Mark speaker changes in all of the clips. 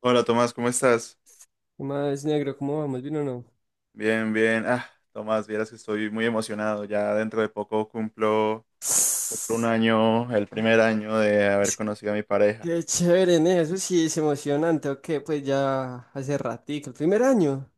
Speaker 1: Hola Tomás, ¿cómo estás?
Speaker 2: Más negro, ¿cómo vamos? ¿Bien o no?
Speaker 1: Bien, bien. Ah, Tomás, vieras que estoy muy emocionado. Ya dentro de poco cumplo un
Speaker 2: Es
Speaker 1: año, el primer año de haber
Speaker 2: que-
Speaker 1: conocido a mi pareja.
Speaker 2: Qué chévere, ¿no? Eso sí es emocionante, ¿ok? Pues ya hace ratico, el primer año.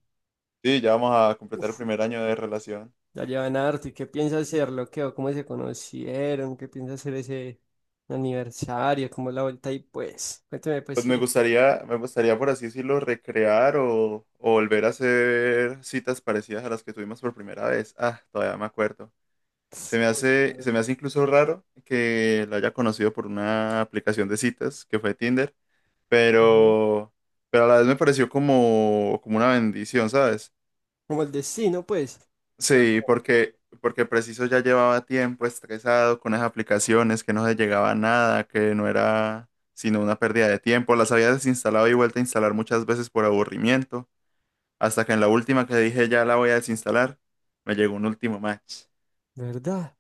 Speaker 1: Sí, ya vamos a completar el
Speaker 2: Uf,
Speaker 1: primer año de relación.
Speaker 2: ya llevan harto. ¿Y qué piensa hacerlo? ¿Qué? ¿O cómo se conocieron? ¿Qué piensa hacer ese aniversario? ¿Cómo la vuelta? Y pues, cuéntame, pues,
Speaker 1: Pues me
Speaker 2: ¿qué?
Speaker 1: gustaría, me gustaría por así decirlo, recrear o volver a hacer citas parecidas a las que tuvimos por primera vez. Ah, todavía me acuerdo. Se me
Speaker 2: Oh,
Speaker 1: hace, se
Speaker 2: claro.
Speaker 1: me hace incluso raro que la haya conocido por una aplicación de citas que fue Tinder.
Speaker 2: Ujú.
Speaker 1: pero, pero a la vez me pareció como una bendición, ¿sabes?
Speaker 2: Como el destino, pues. Claro.
Speaker 1: Sí, porque preciso ya llevaba tiempo estresado con las aplicaciones, que no se llegaba a nada, que no era sino una pérdida de tiempo. Las había desinstalado y vuelto a instalar muchas veces por aburrimiento, hasta que en la última que dije ya la voy a desinstalar, me llegó un último match.
Speaker 2: ¿Verdad?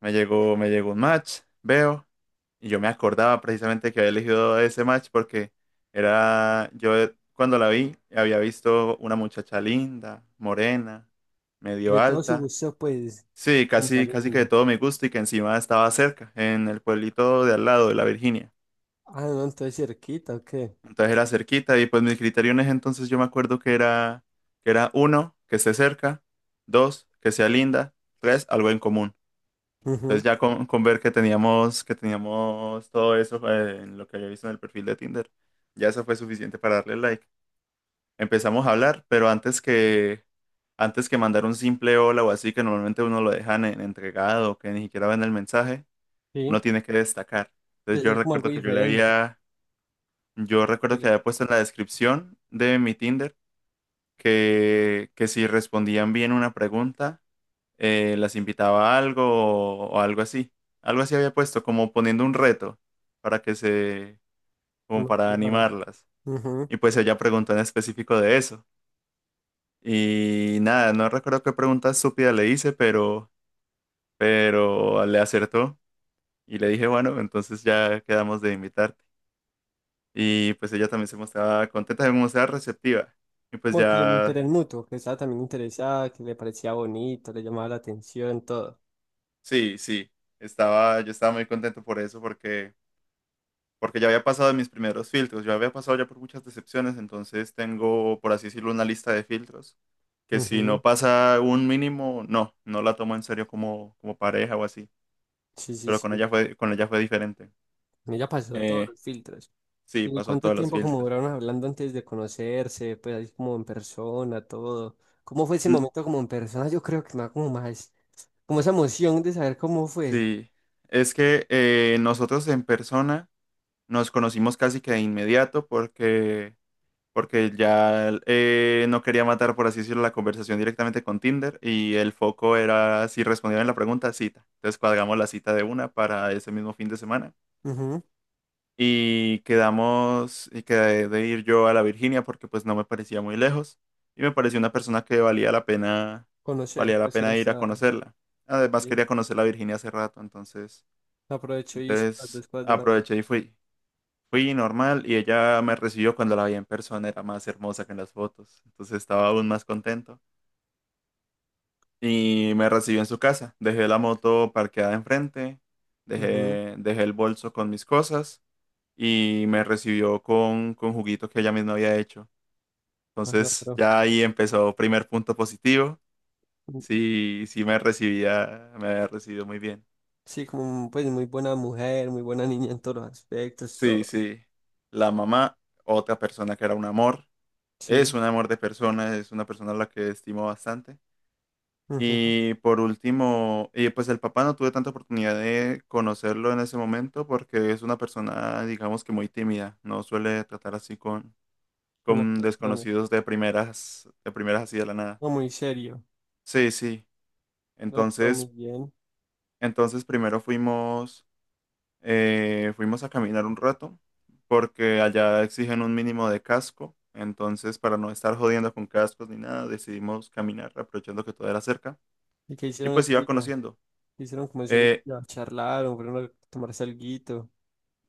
Speaker 1: Me llegó un match, veo, y yo me acordaba precisamente que había elegido ese match porque yo cuando la vi, había visto una muchacha linda, morena, medio
Speaker 2: De todo su
Speaker 1: alta.
Speaker 2: gusto, pues,
Speaker 1: Sí,
Speaker 2: linda,
Speaker 1: casi, casi que de
Speaker 2: linda.
Speaker 1: todo me gusta y que encima estaba cerca, en el pueblito de al lado de la Virginia.
Speaker 2: Ah, no, entonces cerquita, ¿o qué?
Speaker 1: Entonces era cerquita y pues mis criterios en ese entonces yo me acuerdo que era uno, que esté cerca, dos, que sea linda, tres, algo en común.
Speaker 2: Ujú,
Speaker 1: Entonces ya con ver que teníamos todo eso en lo que había visto en el perfil de Tinder, ya eso fue suficiente para darle like. Empezamos a hablar, pero antes que mandar un simple hola o así, que normalmente uno lo dejan en entregado, que ni siquiera ven el mensaje,
Speaker 2: sí,
Speaker 1: uno tiene que destacar. Entonces
Speaker 2: debe ser como algo diferente.
Speaker 1: yo
Speaker 2: que
Speaker 1: recuerdo que
Speaker 2: le-
Speaker 1: había puesto en la descripción de mi Tinder que si respondían bien una pregunta, las invitaba a algo o algo así. Algo así había puesto, como poniendo un reto para que se,
Speaker 2: Se
Speaker 1: como para
Speaker 2: motivaran.
Speaker 1: animarlas.
Speaker 2: Ujú.
Speaker 1: Y pues ella preguntó en específico de eso. Y nada, no recuerdo qué pregunta estúpida le hice, pero le acertó. Y le dije, bueno, entonces ya quedamos de invitarte. Y pues ella también se mostraba contenta, se mostraba receptiva. Y pues
Speaker 2: Como que el
Speaker 1: ya,
Speaker 2: interés mutuo, que estaba también interesada, que le parecía bonito, le llamaba la atención, todo.
Speaker 1: sí, sí, yo estaba muy contento por eso, porque, ya había pasado mis primeros filtros, yo había pasado ya por muchas decepciones, entonces tengo, por así decirlo, una lista de filtros, que si
Speaker 2: Ujú.
Speaker 1: no pasa un mínimo, no la tomo en serio como pareja o así,
Speaker 2: Sí, sí,
Speaker 1: pero con
Speaker 2: sí.
Speaker 1: ella fue, con ella fue diferente.
Speaker 2: Ella pasó todos
Speaker 1: Eh,
Speaker 2: los filtros.
Speaker 1: sí,
Speaker 2: ¿Y
Speaker 1: pasó
Speaker 2: cuánto
Speaker 1: todos los
Speaker 2: tiempo como
Speaker 1: filtros.
Speaker 2: duraron hablando antes de conocerse? Pues ahí como en persona, todo. ¿Cómo fue ese
Speaker 1: Mm.
Speaker 2: momento como en persona? Yo creo que me da como más, como esa emoción de saber cómo fue.
Speaker 1: Sí, es que nosotros en persona nos conocimos casi que de inmediato porque ya no quería matar, por así decirlo, la conversación directamente con Tinder y el foco era si respondían la pregunta, cita. Entonces cuadramos la cita de una para ese mismo fin de semana
Speaker 2: Ujú.
Speaker 1: y quedamos y quedé de ir yo a la Virginia porque pues no me parecía muy lejos y me pareció una persona que valía la pena,
Speaker 2: Conocer,
Speaker 1: valía la
Speaker 2: pues ir
Speaker 1: pena ir a
Speaker 2: hasta
Speaker 1: conocerla. Además
Speaker 2: allí.
Speaker 1: quería conocer la Virginia hace rato, entonces,
Speaker 2: Aprovecho y hice las
Speaker 1: entonces
Speaker 2: dos cosas de una vez.
Speaker 1: aproveché y fui. Fui normal y ella me recibió cuando la vi en persona, era más hermosa que en las fotos, entonces estaba aún más contento. Y me recibió en su casa, dejé la moto parqueada enfrente,
Speaker 2: Ujú.
Speaker 1: dejé el bolso con mis cosas y me recibió con juguito que ella misma había hecho.
Speaker 2: Ah, no,
Speaker 1: Entonces
Speaker 2: pero
Speaker 1: ya ahí empezó primer punto positivo, sí, sí me había recibido muy bien.
Speaker 2: sí, como pues muy buena mujer, muy buena niña en todos los aspectos,
Speaker 1: Sí,
Speaker 2: todo.
Speaker 1: sí, la mamá, otra persona que era un amor, es
Speaker 2: Sí,
Speaker 1: un amor de persona, es una persona a la que estimo bastante.
Speaker 2: ujú,
Speaker 1: Y por último, pues el papá no tuve tanta oportunidad de conocerlo en ese momento porque es una persona, digamos que muy tímida, no suele tratar así con,
Speaker 2: con las
Speaker 1: con
Speaker 2: personas.
Speaker 1: desconocidos de primeras así de la nada.
Speaker 2: No, muy serio.
Speaker 1: Sí, sí.
Speaker 2: No, pero muy
Speaker 1: Entonces,
Speaker 2: bien.
Speaker 1: entonces primero fuimos a caminar un rato porque allá exigen un mínimo de casco. Entonces, para no estar jodiendo con cascos ni nada, decidimos caminar aprovechando que todo era cerca.
Speaker 2: ¿Y qué
Speaker 1: Y
Speaker 2: hicieron
Speaker 1: pues
Speaker 2: ese
Speaker 1: iba
Speaker 2: día?
Speaker 1: conociendo.
Speaker 2: ¿Qué hicieron como ese
Speaker 1: Eh,
Speaker 2: día? Charlaron, fueron a tomarse alguito.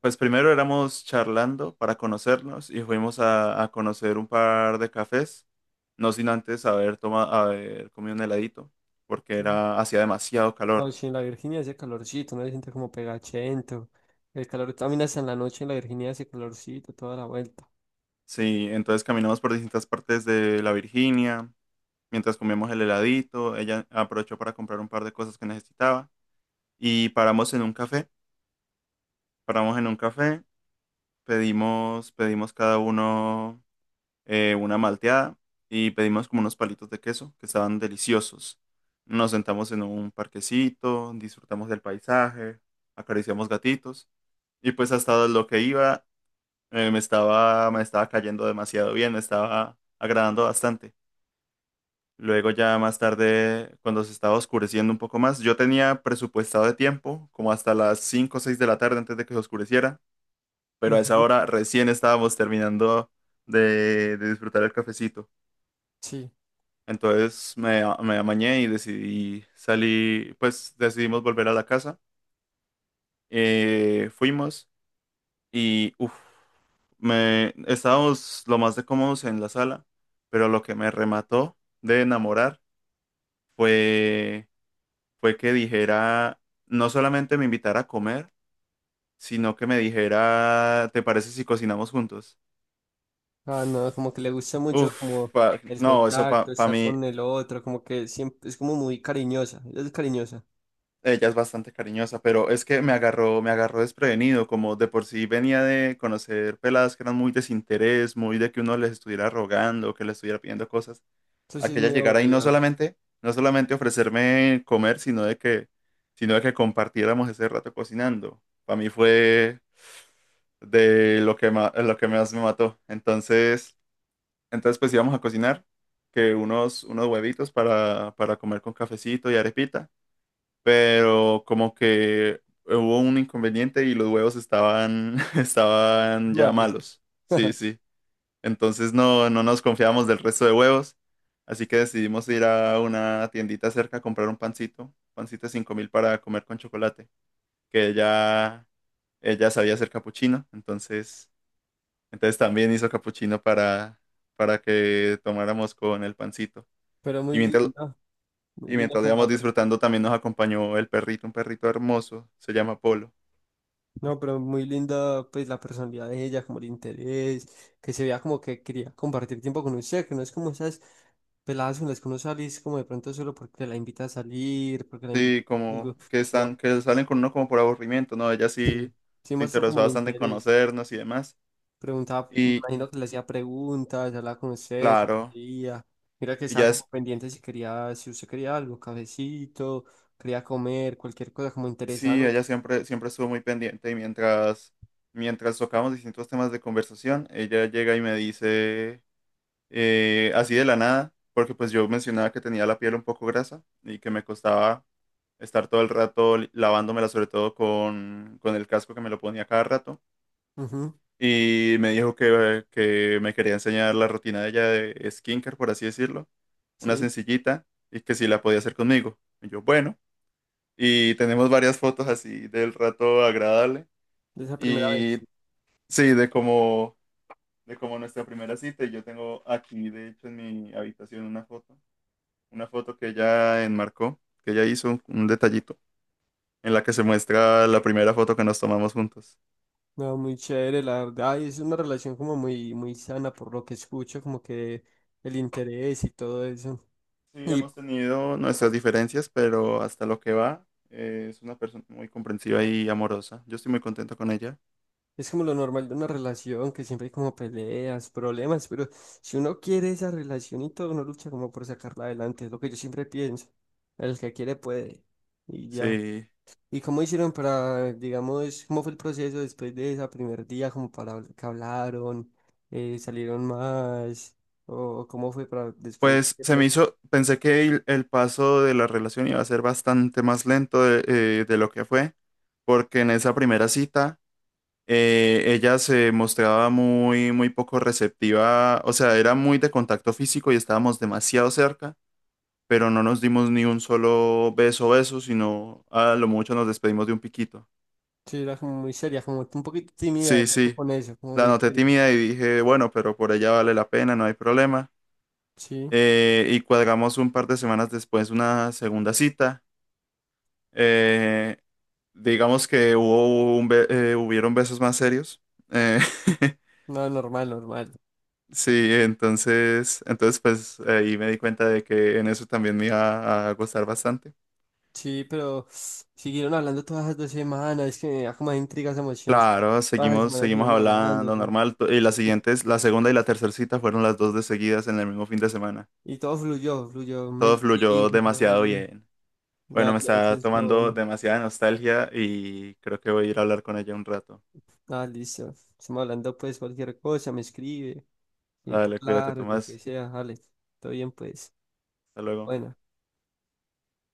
Speaker 1: Pues primero éramos charlando para conocernos y fuimos a conocer un par de cafés, no sin antes haber comido un heladito, porque
Speaker 2: Sí.
Speaker 1: hacía demasiado
Speaker 2: No,
Speaker 1: calor.
Speaker 2: sí, en la Virginia hace calorcito, no se siente como pegachento. El calor también hasta en la noche en la Virginia hace calorcito, toda la vuelta.
Speaker 1: Sí, entonces caminamos por distintas partes de la Virginia, mientras comíamos el heladito, ella aprovechó para comprar un par de cosas que necesitaba y paramos en un café, pedimos cada uno una malteada y pedimos como unos palitos de queso que estaban deliciosos. Nos sentamos en un parquecito, disfrutamos del paisaje, acariciamos gatitos y pues hasta lo que iba me estaba cayendo demasiado bien, me estaba agradando bastante. Luego ya más tarde, cuando se estaba oscureciendo un poco más, yo tenía presupuestado de tiempo como hasta las 5 o 6 de la tarde antes de que se oscureciera, pero a esa
Speaker 2: Ujú.
Speaker 1: hora recién estábamos terminando de disfrutar el cafecito.
Speaker 2: Sí.
Speaker 1: Entonces me amañé y decidí salir, pues decidimos volver a la casa. Fuimos y uf, estábamos lo más de cómodos en la sala, pero lo que me remató de enamorar fue, fue que dijera, no solamente me invitara a comer, sino que me dijera, ¿te parece si cocinamos juntos?
Speaker 2: Ah, no, como que le gusta mucho
Speaker 1: Uf,
Speaker 2: como el
Speaker 1: no, eso
Speaker 2: contacto,
Speaker 1: para
Speaker 2: estar
Speaker 1: mí.
Speaker 2: con el otro, como que siempre es como muy cariñosa. Ella es cariñosa.
Speaker 1: Ella es bastante cariñosa, pero es que me agarró desprevenido, como de por sí venía de conocer peladas que eran muy desinterés, muy de que uno les estuviera rogando, que les estuviera pidiendo cosas,
Speaker 2: Eso
Speaker 1: a
Speaker 2: sí es
Speaker 1: que ella
Speaker 2: muy
Speaker 1: llegara y no
Speaker 2: aburrido ahora.
Speaker 1: solamente, no solamente ofrecerme comer, sino de que compartiéramos ese rato cocinando. Para mí fue de lo que más me mató. Entonces pues íbamos a cocinar, que unos huevitos para comer con cafecito y arepita, pero como que hubo un inconveniente y los huevos estaban, estaban ya
Speaker 2: Malos.
Speaker 1: malos. Sí, sí. Entonces no, no nos confiamos del resto de huevos, así que decidimos ir a una tiendita cerca a comprar un pancito, pancito 5.000 para comer con chocolate, que ella sabía hacer capuchino, entonces también hizo capuchino para que tomáramos con el pancito.
Speaker 2: Pero
Speaker 1: Y
Speaker 2: muy
Speaker 1: mientras,
Speaker 2: linda. Muy
Speaker 1: y
Speaker 2: linda
Speaker 1: mientras lo
Speaker 2: como
Speaker 1: íbamos
Speaker 2: la persona.
Speaker 1: disfrutando, también nos acompañó el perrito, un perrito hermoso, se llama Polo.
Speaker 2: No, pero muy linda pues la personalidad de ella, como el interés, que se vea como que quería compartir tiempo con usted, que no es como esas peladas con las que uno sale y es como de pronto solo porque la invita a salir, porque la invita
Speaker 1: Sí,
Speaker 2: a
Speaker 1: como
Speaker 2: algo,
Speaker 1: que están,
Speaker 2: sino
Speaker 1: que salen con uno como por aburrimiento, ¿no? Ella sí
Speaker 2: sí, sí
Speaker 1: se
Speaker 2: muestra como
Speaker 1: interesó
Speaker 2: el
Speaker 1: bastante en
Speaker 2: interés.
Speaker 1: conocernos y demás.
Speaker 2: Preguntaba, me
Speaker 1: Y
Speaker 2: imagino que le hacía preguntas, hablaba con usted, si
Speaker 1: claro,
Speaker 2: quería. Mira que estaba
Speaker 1: ella es,
Speaker 2: como pendiente si quería, si usted quería algo, cafecito, quería comer, cualquier cosa como
Speaker 1: sí,
Speaker 2: interesante.
Speaker 1: ella siempre, siempre estuvo muy pendiente y mientras tocamos distintos temas de conversación, ella llega y me dice, así de la nada, porque pues yo mencionaba que tenía la piel un poco grasa y que me costaba estar todo el rato lavándomela, sobre todo con el casco que me lo ponía cada rato.
Speaker 2: Ujú,
Speaker 1: Y me dijo que me quería enseñar la rutina de ella de skincare, por así decirlo, una
Speaker 2: sí,
Speaker 1: sencillita, y que si la podía hacer conmigo. Y yo, bueno, y tenemos varias fotos así del rato agradable,
Speaker 2: de esa primera vez.
Speaker 1: y sí, de como nuestra primera cita, y yo tengo aquí, de hecho, en mi habitación una foto que ella enmarcó, que ella hizo un detallito, en la que se muestra la primera foto que nos tomamos juntos.
Speaker 2: No, muy chévere, la verdad. Y es una relación como muy, muy sana por lo que escucho, como que el interés y todo eso.
Speaker 1: Sí,
Speaker 2: Y
Speaker 1: hemos tenido nuestras diferencias, pero hasta lo que va, es una persona muy comprensiva y amorosa. Yo estoy muy contento con ella.
Speaker 2: es como lo normal de una relación, que siempre hay como peleas, problemas, pero si uno quiere esa relación y todo, uno lucha como por sacarla adelante, es lo que yo siempre pienso. El que quiere puede, y ya.
Speaker 1: Sí.
Speaker 2: ¿Y cómo hicieron para, digamos, cómo fue el proceso después de ese primer día, como para que hablaron, salieron más, o cómo fue para después
Speaker 1: Pues se me
Speaker 2: decirle?
Speaker 1: hizo, pensé que el paso de la relación iba a ser bastante más lento de lo que fue, porque en esa primera cita ella se mostraba muy, muy poco receptiva, o sea, era muy de contacto físico y estábamos demasiado cerca, pero no nos dimos ni un solo beso, beso, sino a lo mucho nos despedimos de un piquito.
Speaker 2: Sí, era como muy seria, como un poquito tímida, de
Speaker 1: Sí,
Speaker 2: pronto
Speaker 1: sí,
Speaker 2: con eso, como
Speaker 1: la
Speaker 2: muy
Speaker 1: noté
Speaker 2: seria.
Speaker 1: tímida y dije, bueno, pero por ella vale la pena, no hay problema.
Speaker 2: Sí,
Speaker 1: Y cuadramos un par de semanas después una segunda cita. Eh, digamos que hubieron besos más serios. Eh,
Speaker 2: no, normal, normal.
Speaker 1: sí, entonces pues ahí me di cuenta de que en eso también me iba a gustar bastante.
Speaker 2: Sí, pero siguieron hablando todas las dos semanas, es que me da como intrigas emociones.
Speaker 1: Claro,
Speaker 2: Todas las
Speaker 1: seguimos,
Speaker 2: semanas
Speaker 1: seguimos
Speaker 2: siguieron hablando,
Speaker 1: hablando
Speaker 2: güey.
Speaker 1: normal. Y las
Speaker 2: Y,
Speaker 1: siguientes, la segunda y la tercera cita fueron las dos de seguidas en el mismo fin de semana.
Speaker 2: y todo fluyó, fluyó, me
Speaker 1: Todo fluyó
Speaker 2: litigo, todo
Speaker 1: demasiado
Speaker 2: bien.
Speaker 1: bien. Bueno,
Speaker 2: Nada,
Speaker 1: me
Speaker 2: no, eso
Speaker 1: está
Speaker 2: es lo
Speaker 1: tomando
Speaker 2: bueno.
Speaker 1: demasiada nostalgia y creo que voy a ir a hablar con ella un rato.
Speaker 2: Ah, listo. Estamos hablando pues cualquier cosa, me escribe, si necesita
Speaker 1: Dale, cuídate,
Speaker 2: hablar, lo que
Speaker 1: Tomás.
Speaker 2: sea, Alex. Todo bien pues.
Speaker 1: Hasta luego.
Speaker 2: Bueno.